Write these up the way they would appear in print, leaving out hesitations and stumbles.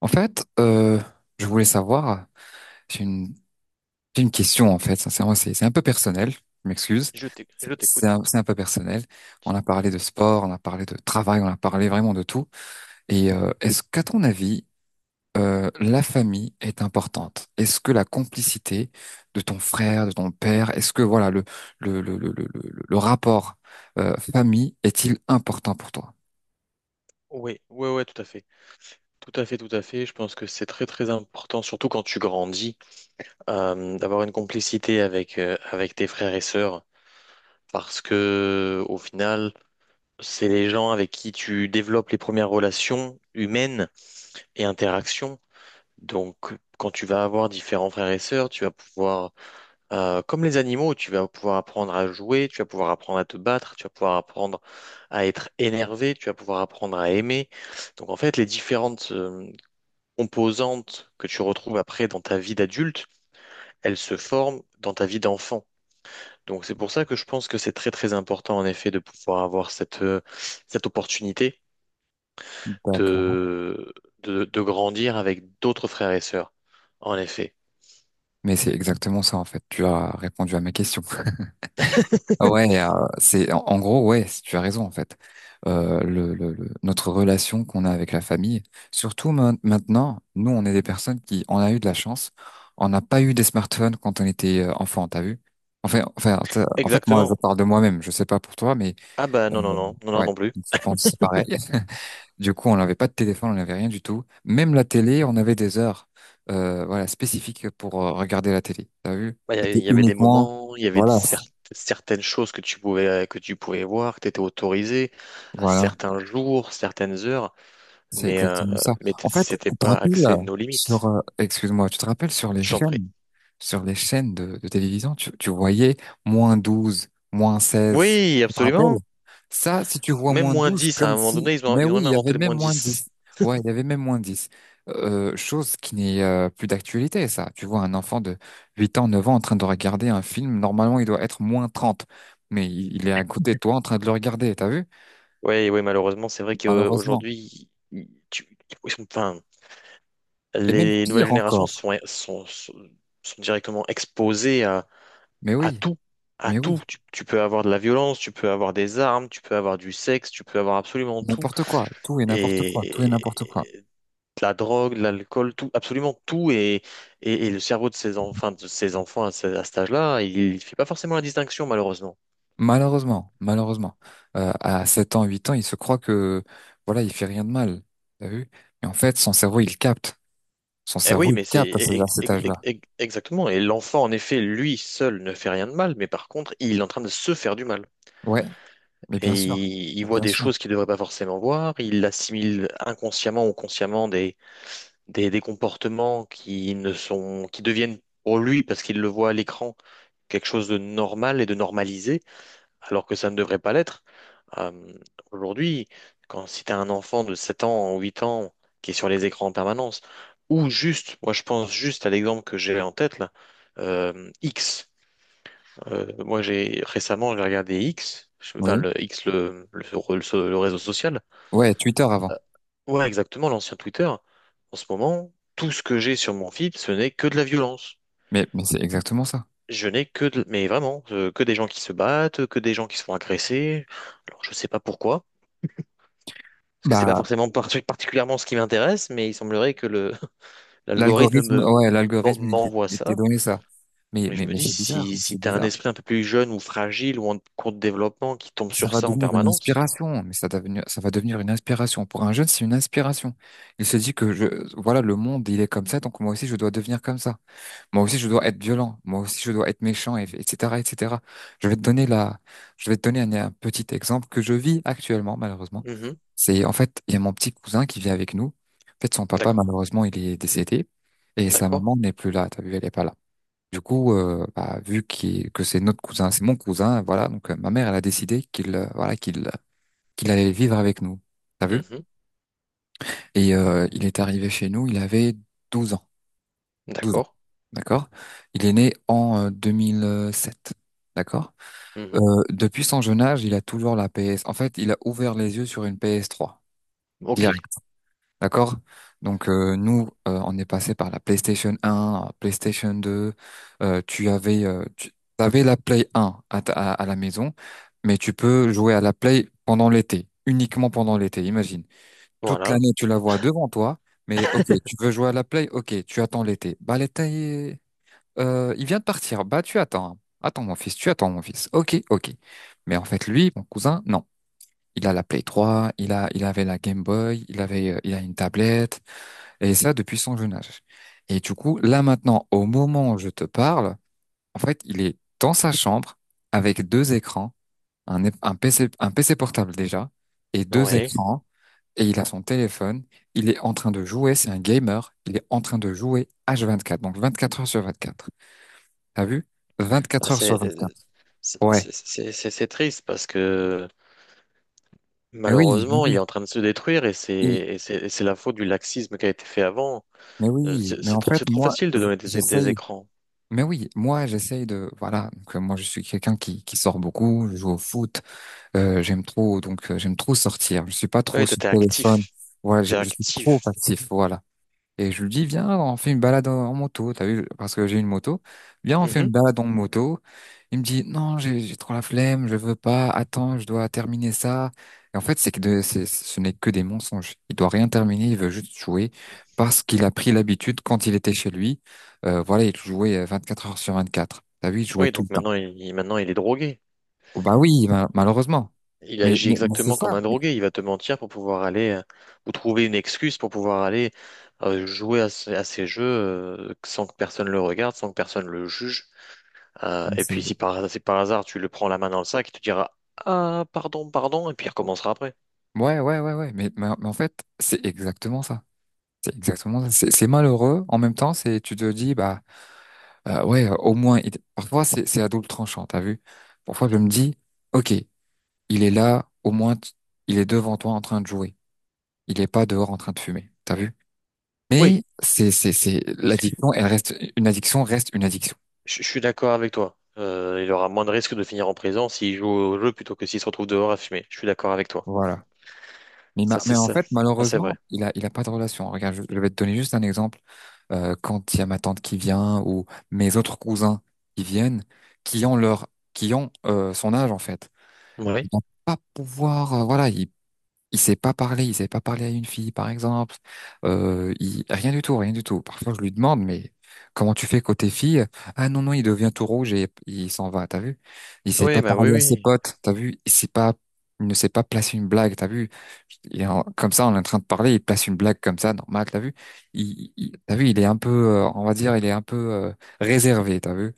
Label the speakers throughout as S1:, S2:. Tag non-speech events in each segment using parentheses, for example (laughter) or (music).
S1: En fait, euh, je voulais savoir, j'ai une, j'ai une question en fait, sincèrement, c'est un peu personnel, je m'excuse,
S2: Je t'écoute.
S1: c'est un peu personnel. On a parlé de sport, on a parlé de travail, on a parlé vraiment de tout. Et est-ce qu'à ton avis, la famille est importante? Est-ce que la complicité de ton frère, de ton père, est-ce que voilà le rapport famille est-il important pour toi?
S2: Oui, oui, oui, tout à fait. Tout à fait, tout à fait. Je pense que c'est très, très important, surtout quand tu grandis, d'avoir une complicité avec, avec tes frères et sœurs, parce que au final, c'est les gens avec qui tu développes les premières relations humaines et interactions. Donc, quand tu vas avoir différents frères et sœurs, tu vas pouvoir comme les animaux, tu vas pouvoir apprendre à jouer, tu vas pouvoir apprendre à te battre, tu vas pouvoir apprendre à être énervé, tu vas pouvoir apprendre à aimer. Donc en fait, les différentes composantes que tu retrouves après dans ta vie d'adulte, elles se forment dans ta vie d'enfant. Donc c'est pour ça que je pense que c'est très très important en effet de pouvoir avoir cette, cette opportunité
S1: D'accord.
S2: de, de grandir avec d'autres frères et sœurs. En effet.
S1: Mais c'est exactement ça en fait. Tu as répondu à ma question. Ah ouais, c'est en gros, ouais, tu as raison en fait. Notre relation qu'on a avec la famille, surtout maintenant, nous, on est des personnes qui, on a eu de la chance, on n'a pas eu des smartphones quand on était enfant, t'as vu? Enfin, en fait, moi, je
S2: Exactement.
S1: parle de moi-même, je sais pas pour toi, mais
S2: Ah bah non, non,
S1: euh,
S2: non, non, non,
S1: ouais,
S2: non plus.
S1: je pense que c'est pareil. (laughs) Du coup, on n'avait pas de téléphone, on n'avait rien du tout. Même la télé, on avait des heures, voilà, spécifiques pour regarder la télé, t'as vu?
S2: Ouais, il
S1: C'était
S2: y avait des
S1: uniquement,
S2: moments, il y avait des
S1: voilà,
S2: certaines choses que tu pouvais voir, que tu étais autorisé à
S1: voilà.
S2: certains jours, certaines heures,
S1: C'est
S2: mais,
S1: exactement ça. En fait,
S2: c'était
S1: tu te
S2: pas
S1: rappelles
S2: axé nos
S1: sur,
S2: limites.
S1: excuse-moi, tu te rappelles
S2: Je t'en prie.
S1: sur les chaînes de télévision, tu voyais -12 -16.
S2: Oui,
S1: Tu te rappelles?
S2: absolument.
S1: Ça, si tu vois
S2: Même
S1: moins
S2: moins
S1: 12
S2: 10 à
S1: comme
S2: un moment
S1: si,
S2: donné,
S1: mais
S2: ils ont
S1: oui,
S2: même
S1: il y avait
S2: inventé le
S1: même
S2: moins
S1: moins
S2: dix.
S1: dix Ouais, il y avait même moins dix. Chose qui n'est plus d'actualité, ça. Tu vois un enfant de 8 ans, 9 ans en train de regarder un film, normalement, il doit être -30. Mais il est à côté de toi en train de le regarder, t'as vu?
S2: Oui, oui, malheureusement, c'est vrai
S1: Malheureusement.
S2: qu'aujourd'hui, enfin,
S1: Et même
S2: les nouvelles
S1: pire
S2: générations
S1: encore.
S2: sont directement exposées à
S1: Mais oui,
S2: tout, à
S1: mais
S2: tout.
S1: oui.
S2: Tu peux avoir de la violence, tu peux avoir des armes, tu peux avoir du sexe, tu peux avoir absolument tout.
S1: N'importe quoi, tout et n'importe quoi, tout et n'importe quoi.
S2: Et de la drogue, de l'alcool, tout, absolument tout. Et le cerveau de ces, enfin, de ces enfants à, à cet âge-là, il ne fait pas forcément la distinction, malheureusement.
S1: Malheureusement, malheureusement. À 7 ans, 8 ans, il se croit que, voilà, il fait rien de mal. T'as vu? Mais en fait, son cerveau, il capte. Son
S2: Eh oui,
S1: cerveau, il
S2: mais c'est
S1: capte à, à cet âge-là.
S2: exactement. Et l'enfant, en effet, lui seul ne fait rien de mal, mais par contre, il est en train de se faire du mal.
S1: Ouais, mais bien
S2: Et
S1: sûr.
S2: il
S1: Mais
S2: voit
S1: bien
S2: des
S1: sûr.
S2: choses qu'il ne devrait pas forcément voir, il assimile inconsciemment ou consciemment des comportements qui ne sont, qui deviennent pour lui, parce qu'il le voit à l'écran, quelque chose de normal et de normalisé, alors que ça ne devrait pas l'être. Euh, aujourd'hui, quand si tu as un enfant de 7 ans ou 8 ans qui est sur les écrans en permanence, ou juste, moi je pense juste à l'exemple que j'ai en tête là, X. Moi j'ai regardé X, enfin
S1: Oui.
S2: le X le, le réseau social.
S1: Ouais, Twitter avant.
S2: Ouais, exactement, l'ancien Twitter. En ce moment, tout ce que j'ai sur mon feed, ce n'est que de la violence.
S1: Mais c'est exactement ça.
S2: Je n'ai que de… Mais vraiment, que des gens qui se battent, que des gens qui se font agresser. Alors, je sais pas pourquoi, parce que c'est pas
S1: Bah,
S2: forcément (laughs) particulièrement ce qui m'intéresse, mais il semblerait que le (laughs) l'algorithme
S1: l'algorithme,
S2: me
S1: ouais, l'algorithme, il
S2: m'envoie
S1: il t'est
S2: ça.
S1: donné ça. Mais,
S2: Et je
S1: mais,
S2: me
S1: mais
S2: dis,
S1: c'est bizarre,
S2: si, si
S1: c'est
S2: tu as un
S1: bizarre.
S2: esprit un peu plus jeune ou fragile ou en cours de développement qui tombe
S1: Ça
S2: sur
S1: va
S2: ça en
S1: devenir une
S2: permanence.
S1: inspiration, ça va devenir une inspiration. Pour un jeune, c'est une inspiration. Il se dit que je, voilà, le monde, il est comme ça, donc moi aussi, je dois devenir comme ça. Moi aussi, je dois être violent. Moi aussi, je dois être méchant, etc., etc. Je vais te donner la, je vais te donner un petit exemple que je vis actuellement, malheureusement.
S2: Mhm.
S1: C'est, en fait, il y a mon petit cousin qui vit avec nous. En fait, son papa,
S2: D'accord,
S1: malheureusement, il est décédé, et sa
S2: d'accord.
S1: maman n'est plus là. T'as vu, elle est pas là. Du coup, bah, que c'est notre cousin, c'est mon cousin, voilà. Donc ma mère, elle a décidé qu'il allait vivre avec nous. T'as vu?
S2: Mhm.
S1: Et il est arrivé chez nous. Il avait 12 ans. 12 ans,
S2: D'accord.
S1: d'accord? Il est né en 2007, d'accord?
S2: Mhm.
S1: Depuis son jeune âge, il a toujours la PS. En fait, il a ouvert les yeux sur une PS3.
S2: Ok,
S1: D'accord? Donc nous, on est passé par la PlayStation 1, PlayStation 2. Tu avais la Play 1 à, la maison, mais tu peux jouer à la Play pendant l'été, uniquement pendant l'été. Imagine, toute
S2: voilà,
S1: l'année tu la vois devant toi, mais ok, tu veux jouer à la Play, ok, tu attends l'été. Bah l'été, il vient de partir. Bah tu attends, hein. Attends mon fils, tu attends mon fils. Ok, ok. Mais en fait lui, mon cousin, non. Il a la Play 3, il avait la Game Boy, il a une tablette. Et ça depuis son jeune âge. Et du coup, là maintenant, au moment où je te parle, en fait, il est dans sa chambre avec deux écrans, un PC, un PC portable déjà, et deux
S2: ouais.
S1: écrans, et il a son téléphone, il est en train de jouer, c'est un gamer, il est en train de jouer H24, donc 24 heures sur 24. T'as vu?
S2: Ah,
S1: 24 heures sur
S2: c'est
S1: 24. Ouais.
S2: triste parce que
S1: Mais
S2: malheureusement, il est en train de se détruire et
S1: oui,
S2: c'est la faute du laxisme qui a été fait avant.
S1: mais oui,
S2: C'est
S1: mais en fait,
S2: c'est trop
S1: moi,
S2: facile de donner des, des
S1: j'essaye.
S2: écrans.
S1: Mais oui, moi, j'essaye de, voilà, donc, moi, je suis quelqu'un qui sort beaucoup, je joue au foot. J'aime trop, donc j'aime trop sortir. Je suis pas trop
S2: Oui,
S1: sur
S2: t'étais
S1: le téléphone.
S2: actif.
S1: Voilà,
S2: T'es
S1: je suis trop
S2: actif.
S1: passif, voilà. Et je lui dis, viens, on fait une balade en moto. T'as vu, parce que j'ai une moto. Viens, on fait une
S2: Mhm.
S1: balade en moto. Il me dit, non, j'ai trop la flemme, je veux pas. Attends, je dois terminer ça. Et en fait, c'est que de, c'est, ce n'est que des mensonges. Il doit rien terminer, il veut juste jouer parce qu'il a pris l'habitude quand il était chez lui. Voilà, il jouait 4 heures sur 24. T'as vu, il jouait
S2: Oui,
S1: tout le
S2: donc
S1: temps.
S2: maintenant maintenant, il est drogué.
S1: Bah oui,
S2: Il,
S1: malheureusement.
S2: il agit
S1: Mais c'est
S2: exactement
S1: ça.
S2: comme un drogué. Il va te mentir pour pouvoir aller ou trouver une excuse pour pouvoir aller jouer à, à ces jeux sans que personne le regarde, sans que personne le juge. Et puis
S1: C'est-
S2: si par, si par hasard tu le prends la main dans le sac, il te dira: «Ah, pardon, pardon», et puis il recommencera après.
S1: Ouais, ouais, ouais, ouais. Mais en fait, c'est exactement ça. C'est exactement ça. C'est malheureux. En même temps, c'est, tu te dis, bah, ouais, au moins, parfois, c'est à double tranchant, t'as vu? Parfois, je me dis, OK, il est là, au moins, il est devant toi en train de jouer. Il est pas dehors en train de fumer, t'as vu?
S2: Oui,
S1: Mais l'addiction, elle reste, une addiction reste une addiction.
S2: je suis d'accord avec toi. Il aura moins de risques de finir en prison s'il joue au jeu plutôt que s'il se retrouve dehors à fumer. Je suis d'accord avec toi.
S1: Voilà.
S2: Ça,
S1: Mais
S2: c'est
S1: en
S2: ça.
S1: fait,
S2: Ça, c'est
S1: malheureusement,
S2: vrai.
S1: il a pas de relation. Regarde, je vais te donner juste un exemple. Quand il y a ma tante qui vient ou mes autres cousins qui viennent, qui ont leur, qui ont son âge en fait.
S2: Oui.
S1: Ils vont pas pouvoir, voilà, ils il sait pas parler, il sait pas parler à une fille, par exemple. Il... Rien du tout, rien du tout. Parfois, je lui demande, mais comment tu fais côté fille? Ah non, non, il devient tout rouge et il s'en va, t'as vu? Il sait
S2: Oui,
S1: pas
S2: bah oui,
S1: parler à ses
S2: oui.
S1: potes, t'as vu? Il ne sait pas placer une blague, t'as vu? Comme ça, on est en train de parler, il place une blague comme ça, normal, t'as vu? T'as vu, il est un peu, on va dire, il est un peu réservé, t'as vu?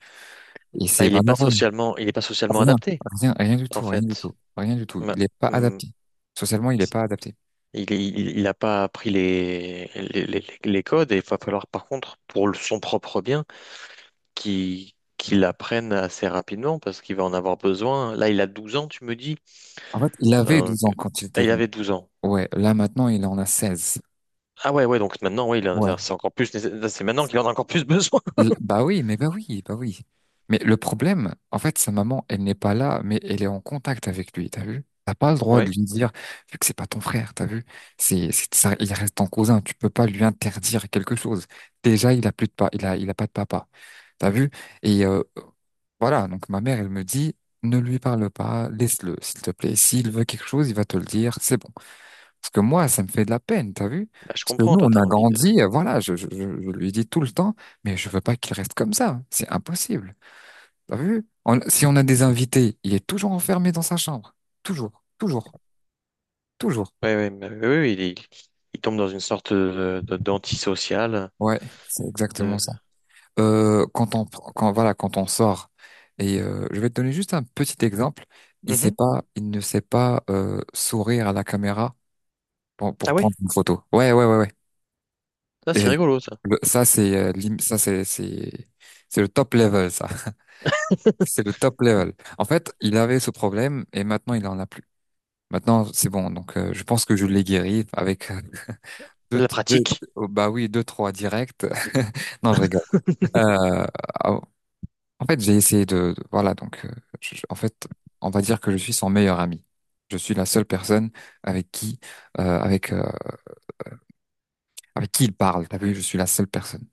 S1: Et
S2: Bah,
S1: c'est malheureux.
S2: il est pas socialement
S1: Rien,
S2: adapté,
S1: rien, rien du
S2: en
S1: tout, rien du
S2: fait.
S1: tout, rien du tout.
S2: Ma-
S1: Il est pas
S2: hmm.
S1: adapté. Socialement, il est pas adapté.
S2: Il a pas appris les, les codes et il va falloir par contre, pour son propre bien, qui l'apprenne assez rapidement parce qu'il va en avoir besoin. Là, il a 12 ans, tu me dis.
S1: En fait, il avait
S2: Euh,
S1: 12
S2: que-
S1: ans quand il
S2: ah,
S1: était
S2: il
S1: venu.
S2: avait 12 ans.
S1: Ouais, là maintenant, il en a 16.
S2: Ah ouais, ouais, donc maintenant, ouais,
S1: Ouais.
S2: c'est encore plus, là, c'est maintenant qu'il en a encore plus (laughs) besoin.
S1: Bah oui, mais bah oui, bah oui. Mais le problème, en fait, sa maman, elle n'est pas là, mais elle est en contact avec lui, t'as vu? T'as pas le droit de
S2: Ouais,
S1: lui dire, vu que c'est pas ton frère, t'as vu? C'est ça, il reste ton cousin, tu peux pas lui interdire quelque chose. Déjà, il a plus de pas, il a pas de papa. T'as vu? Et voilà, donc ma mère, elle me dit, ne lui parle pas, laisse-le, s'il te plaît. S'il veut quelque chose, il va te le dire, c'est bon. Parce que moi, ça me fait de la peine, t'as vu?
S2: bah, je
S1: Parce que
S2: comprends,
S1: nous,
S2: toi,
S1: on
S2: t'as
S1: a
S2: envie de.
S1: grandi, voilà, je lui dis tout le temps, mais je veux pas qu'il reste comme ça, c'est impossible, t'as vu? Si on a des invités, il est toujours enfermé dans sa chambre, toujours, toujours, toujours.
S2: Ouais, ouais, mais- oui, oui, il tombe dans une sorte de, d'antisocial.
S1: Ouais, c'est exactement ça.
S2: De…
S1: Quand voilà, quand on sort, et je vais te donner juste un petit exemple,
S2: Mhm.
S1: il ne sait pas sourire à la caméra pour
S2: Ah ouais,
S1: prendre une photo. Ouais, ouais, ouais, ouais.
S2: ça,
S1: Et
S2: c'est rigolo, ça.
S1: ça, c'est ça c'est le top level, ça. (laughs) C'est le top level. En fait, il avait ce problème et maintenant, il en a plus. Maintenant, c'est bon. Donc, je pense que je l'ai guéri avec deux,
S2: La
S1: deux,
S2: pratique.
S1: oh, bah oui, deux, trois directs. (laughs) Non, je rigole.
S2: (laughs)
S1: Euh, j'ai essayé voilà, donc, je- je- en fait, on va dire que je suis son meilleur ami. Je suis la seule personne avec qui, euh, avec, euh, avec qui il parle. T'as vu, je suis la seule personne.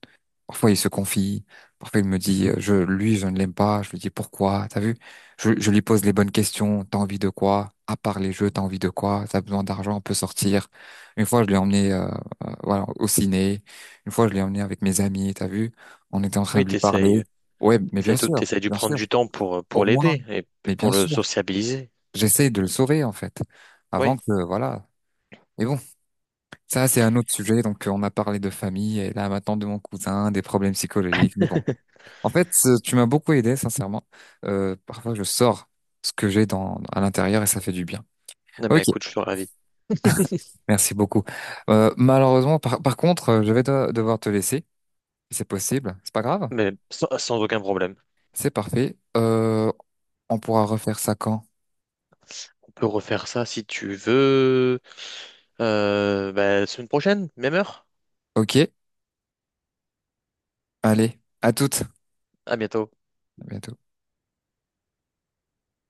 S1: Parfois, il se confie. Parfois, il me dit, je, lui, je ne l'aime pas. Je lui dis, pourquoi? T'as vu? Je lui pose les bonnes questions. T'as envie de quoi? À part les jeux, t'as envie de quoi? T'as besoin d'argent, on peut sortir. Une fois, je l'ai emmené, voilà, au ciné. Une fois, je l'ai emmené avec mes amis. T'as vu? On était en train
S2: Oui,
S1: de lui parler.
S2: t'essayes,
S1: Ouais, mais bien
S2: t'essayes,
S1: sûr,
S2: t'essayes de
S1: bien sûr.
S2: prendre du temps pour
S1: Au moins,
S2: l'aider et
S1: mais bien
S2: pour le
S1: sûr.
S2: sociabiliser.
S1: J'essaie de le sauver, en fait.
S2: Oui,
S1: Avant que, voilà. Mais bon, ça, c'est un autre sujet. Donc, on a parlé de famille et là, maintenant de mon cousin, des problèmes psychologiques. Mais bon. En fait, tu m'as beaucoup aidé, sincèrement. Parfois, je sors ce que j'ai dans à l'intérieur et ça fait du bien.
S2: ah bah
S1: Ok,
S2: écoute, je suis ravi.
S1: merci beaucoup. Malheureusement, par contre, je vais devoir te laisser, si c'est possible. C'est pas grave,
S2: Mais sans, sans aucun problème.
S1: c'est parfait. On pourra refaire ça quand?
S2: Peux refaire ça si tu veux. Bah, semaine prochaine, même heure.
S1: Ok, allez, à toutes.
S2: À bientôt.
S1: À bientôt.